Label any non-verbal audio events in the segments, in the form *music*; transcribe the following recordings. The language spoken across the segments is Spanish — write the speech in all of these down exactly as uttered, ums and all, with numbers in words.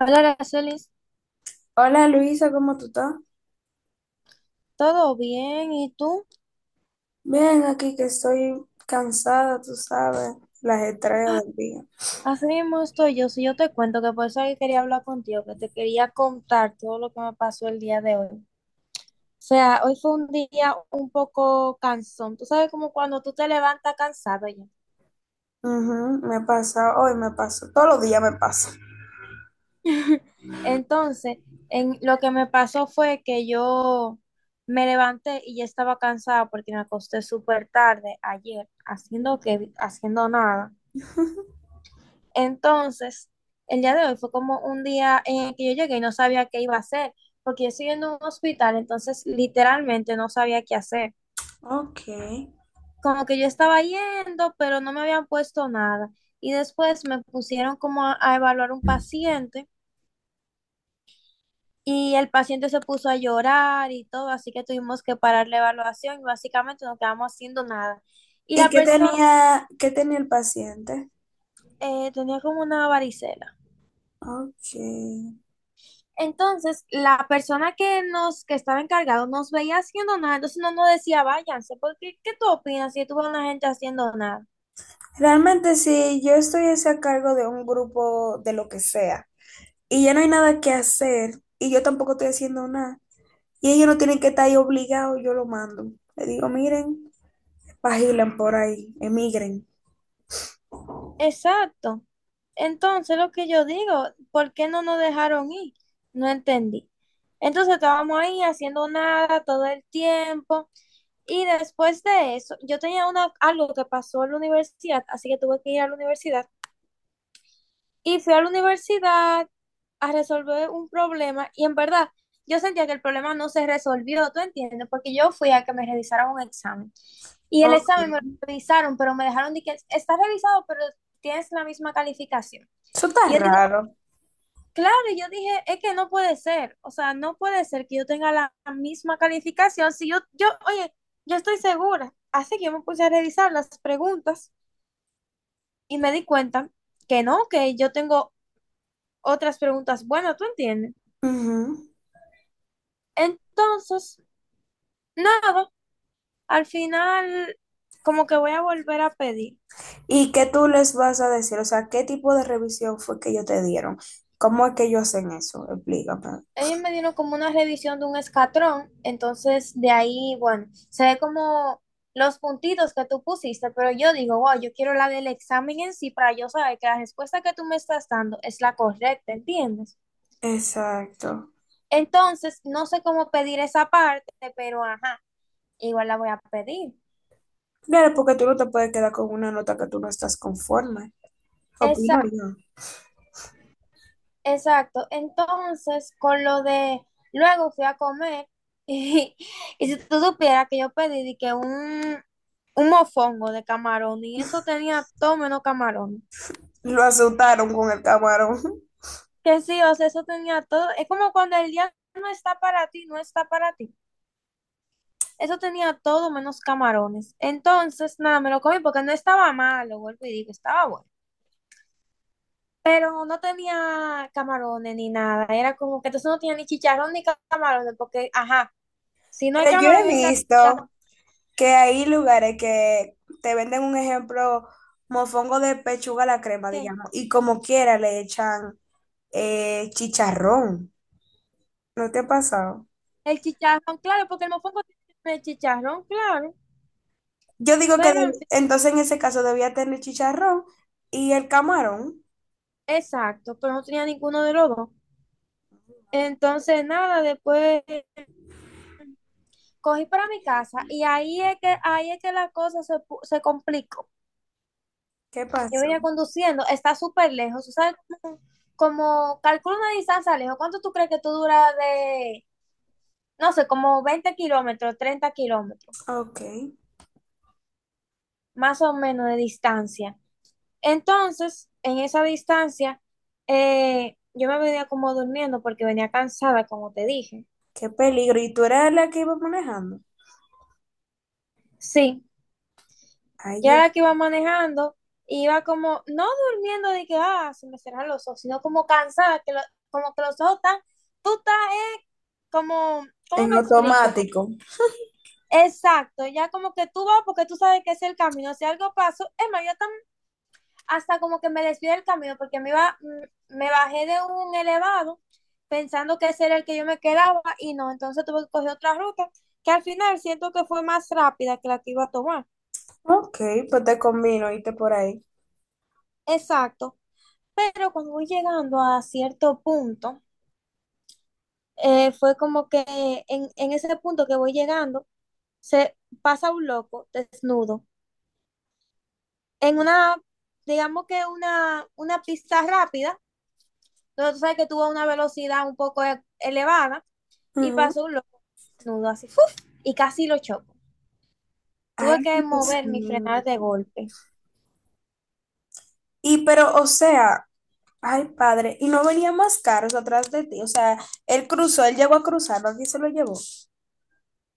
Hola, Aracelis, Hola Luisa, ¿cómo tú estás? ¿todo bien? ¿Y tú? Bien, aquí que estoy cansada, tú sabes, el ajetreo del día. Así mismo estoy yo. Si yo te cuento que por eso que quería hablar contigo, que te quería contar todo lo que me pasó el día de hoy. O sea, hoy fue un día un poco cansón. Tú sabes como cuando tú te levantas cansado ya. Ujú, me pasa, hoy me pasa, todos los días me pasa. *laughs* Entonces, en, lo que me pasó fue que yo me levanté y ya estaba cansada porque me acosté súper tarde ayer, haciendo que, haciendo nada. *laughs* Entonces, el día de hoy fue como un día en el que yo llegué y no sabía qué iba a hacer, porque yo estoy en un hospital, entonces literalmente no sabía qué hacer. Ok. Como que yo estaba yendo, pero no me habían puesto nada. Y después me pusieron como a, a evaluar un paciente y el paciente se puso a llorar y todo, así que tuvimos que parar la evaluación y básicamente no quedamos haciendo nada. Y ¿Y la qué persona tenía, qué tenía el paciente? eh, tenía como una varicela. Ok. Entonces, la persona que nos, que estaba encargado nos veía haciendo nada, entonces no nos decía, váyanse, porque ¿qué tú opinas si tú ves a una gente haciendo nada? Realmente si yo estuviese a cargo de un grupo de lo que sea y ya no hay nada que hacer y yo tampoco estoy haciendo nada y ellos no tienen que estar ahí obligados, yo lo mando. Le digo, miren, pagilen por ahí, emigren. Exacto. Entonces, lo que yo digo, ¿por qué no nos dejaron ir? No entendí. Entonces, estábamos ahí haciendo nada todo el tiempo. Y después de eso, yo tenía una, algo que pasó en la universidad, así que tuve que ir a la universidad. Y fui a la universidad a resolver un problema y en verdad yo sentía que el problema no se resolvió, ¿tú entiendes? Porque yo fui a que me revisaran un examen y el Ok. examen me lo revisaron, pero me dejaron de que está revisado, pero tienes la misma calificación. Eso está Y yo digo, raro. claro, y yo dije, es que no puede ser, o sea, no puede ser que yo tenga la misma calificación si yo, yo, oye, yo estoy segura. Así que yo me puse a revisar las preguntas y me di cuenta que no, que yo tengo otras preguntas. Bueno, tú entiendes. Ujú. Entonces, nada, al final como que voy a volver a pedir. ¿Y qué tú les vas a decir? O sea, ¿qué tipo de revisión fue que ellos te dieron? ¿Cómo es que ellos hacen eso? Explícame. Ellos me dieron como una revisión de un escatrón, entonces de ahí, bueno, se ve como los puntitos que tú pusiste, pero yo digo, wow, yo quiero la del examen en sí para yo saber que la respuesta que tú me estás dando es la correcta, ¿entiendes? Exacto. Entonces, no sé cómo pedir esa parte, pero ajá, igual la voy a pedir. Claro, porque tú no te puedes quedar con una nota que tú no estás conforme. Esa Opino yo. Exacto. Entonces, con lo de luego fui a comer *laughs* y, y si tú supieras que yo pedí de que un, un mofongo de camarón y eso tenía todo menos camarón. Lo asustaron con el camarón. *laughs* Que sí, o sea, eso tenía todo. Es como cuando el día no está para ti, no está para ti. Eso tenía todo menos camarones. Entonces, nada, me lo comí porque no estaba malo, vuelvo y digo, estaba bueno. Pero no tenía camarones ni nada. Era como que entonces no tenía ni chicharrón ni camarones porque, ajá. Si no hay Pero yo camarón, he el chicharrón, visto que hay lugares que te venden un ejemplo, mofongo de pechuga a la crema, ¿qué? digamos, y como quiera le echan eh, chicharrón. ¿No te ha pasado? El chicharrón, claro, porque el mofongo tiene el chicharrón, claro. Yo digo que Pero, en deb- fin, entonces en ese caso debía tener chicharrón y el camarón. exacto, pero no tenía ninguno de los dos. Entonces, nada, después cogí para mi casa y ahí es que, ahí es que la cosa se, pu- se complicó. ¿Qué Yo pasó? venía conduciendo, está súper lejos. Como calculo una distancia lejos, creo que, no sé, como veinte kilómetros más Oh, o menos de distancia, eh, yo me venía como durmiendo porque venía acá. qué peligro. ¿Y tú eras la que iba manejando? Sí, Ay, Dios. ya que iba manejando, iba como, no durmiendo de que, ah, se me cerraron los ojos, sino como cansada, que los ojos están, tú estás, eh, como, En ¿cómo me explico? automático. Exacto, ya como que tú vas porque tú sabes que es el camino, si algo pasó, es más, yo también, hasta como que me desvié del camino, porque me iba, mm, me bajé de un elevado pensando que ese era el que yo me quedaba y no, entonces tuve que coger otra ruta, que al final siento que fue más rápida que la que iba a tomar. Ok, pues te combino, irte por ahí. Exacto. Pero cuando voy llegando a cierto punto, eh, fue como que en, en ese punto que voy llegando, se pasa un loco desnudo en una, digamos que una, una pista rápida, donde tú sabes que tuvo una velocidad un poco e- elevada, y Ujú. pasó un loco desnudo así, ¡fuf! Y casi lo choco. Tuve Ay, que Dios mover y mío. frenar de golpe. Y pero, o sea, ay, padre, y no venía más caros atrás de ti. O sea, él cruzó, él llegó a cruzar, ¿no? ¿Quién se lo llevó?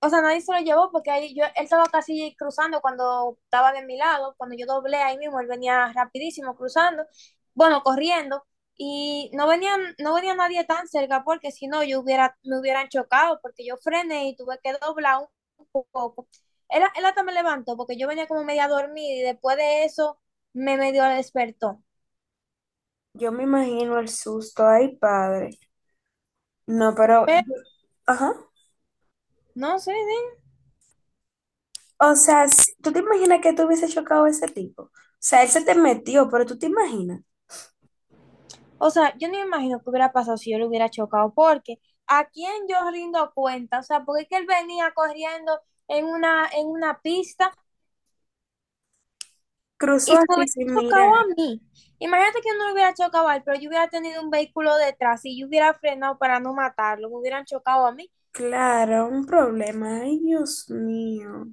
O sea, nadie se lo llevó porque ahí yo, él estaba casi cruzando cuando estaba de mi lado, cuando yo doblé ahí mismo, él venía rapidísimo cruzando, bueno, corriendo, y no venían, no venía nadie tan cerca porque si no yo hubiera, me hubieran chocado porque yo frené y tuve que doblar un poco. Él, él hasta me levantó porque yo venía como media dormida y después de eso me medio despertó. Yo me imagino el susto, ay, padre. No, pero, Pero ajá. no sé, ¿sí? O sea, si- ¿tú te imaginas que tú hubiese chocado a ese tipo? O sea, él se te metió, pero tú te imaginas. O sea, yo no me imagino que hubiera pasado si yo le hubiera chocado, porque a quién yo rindo cuenta, o sea, porque es que él venía corriendo en una, en una pista Cruzó y se me así hubiera sin mirar. chocado a mí. Imagínate que yo no lo hubiera chocado a él, pero yo hubiera tenido un vehículo detrás y yo hubiera frenado para no matarlo, me hubieran chocado a mí. Claro, un problema. Ay, Dios mío.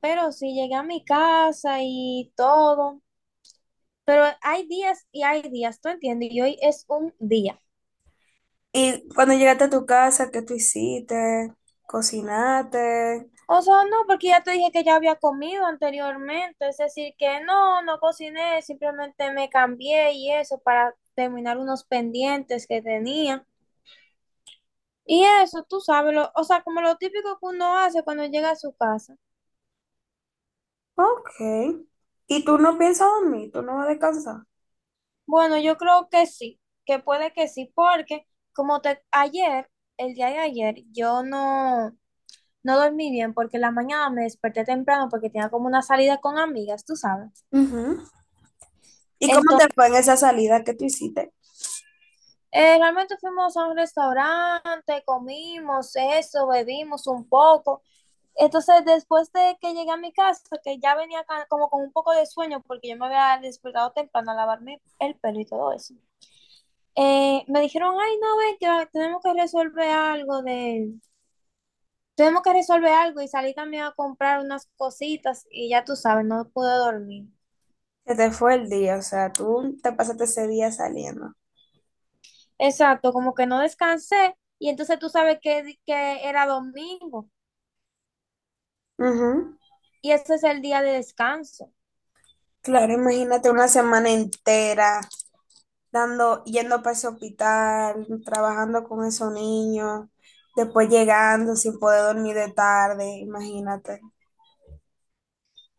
Pero sí, llegué a mi casa y todo. Pero hay días y hay días, ¿tú entiendes? Y hoy es un día. Y cuando llegaste a tu casa, ¿qué tú hiciste? Cocinaste. O sea, no, porque ya te dije que ya había comido anteriormente, es decir, que no, no cociné, simplemente me cambié y eso para terminar unos pendientes que tenía. Y eso, tú sabes, lo- o sea, como lo típico que uno hace cuando llega a su casa. Ok. ¿Y tú no piensas dormir? ¿Tú no vas a descansar? Bueno, yo creo que sí, que puede que sí, porque como te, ayer, el día de ayer, yo no, no dormí bien porque en la mañana me desperté temprano porque tenía como una salida con amigas, tú sabes. Ujú. ¿Y cómo te fue en esa salida que tú hiciste? Eh, realmente fuimos a un restaurante, comimos eso, bebimos un poco. Entonces, después de que llegué a mi casa, que ya venía ca- como con un poco de sueño, porque yo me había despertado temprano a lavarme el pelo y todo eso, eh, me dijeron, ay, no, ven, que tenemos que resolver algo de... Tenemos que resolver algo y salí también a comprar unas cositas y ya tú sabes, no pude dormir. Se te fue el día, o sea, tú te pasaste ese día saliendo. Exacto, como que no descansé y entonces tú sabes que, que era domingo. Ujú. Y ese es el día de descanso. Claro, imagínate una semana entera dando, yendo para ese hospital, trabajando con esos niños, después llegando sin poder dormir de tarde, imagínate.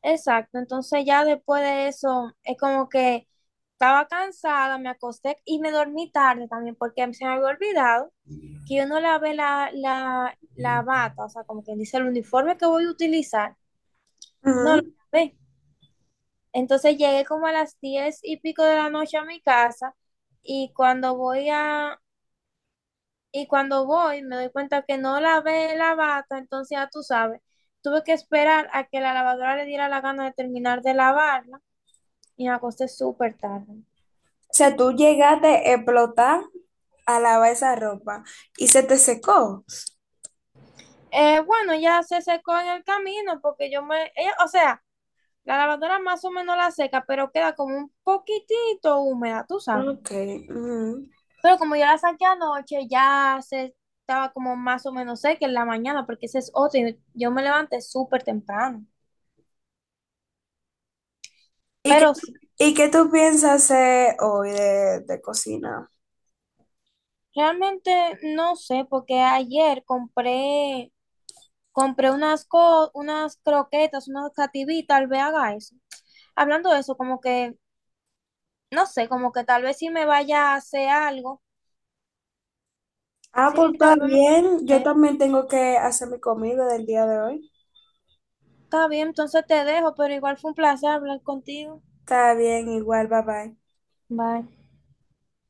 Exacto, entonces ya después de eso es como que estaba cansada, me acosté y me dormí tarde también porque se me había olvidado que yo no lavé la, la, la bata, o sea, como quien dice el uniforme que voy a utilizar, no lo Ujú. lavé. Entonces llegué como a las diez y pico de la noche a mi casa y cuando voy a, Y cuando voy, me doy cuenta que no lavé la bata, entonces ya tú sabes, tuve que esperar a que la lavadora le diera la gana de terminar de lavarla y me acosté súper tarde. O sea, tú llegaste a explotar a lavar esa ropa y se te secó. Eh, bueno, ya se secó en el camino porque yo me, ella- o sea, la lavadora más o menos la seca, pero queda como un poquitito húmeda, tú sabes. Ok. Ujú. Pero como yo la saqué anoche, ya se estaba como más o menos seca en la mañana porque ese es otro y yo me levanté súper temprano. ¿Y qué, Pero sí. y qué tú piensas hacer hoy de, de cocina? Realmente no sé, porque ayer compré, compré unas, co- unas croquetas, unas cativí, tal vez haga eso. Hablando de eso, como que, no sé, como que tal vez si me vaya a hacer algo, Ah, pues sí, está tal vez me... bien. Yo eh, también tengo que hacer mi comida del día de hoy. Está bien, entonces te dejo, pero igual fue un placer hablar contigo. Está bien, igual, bye bye. Bye.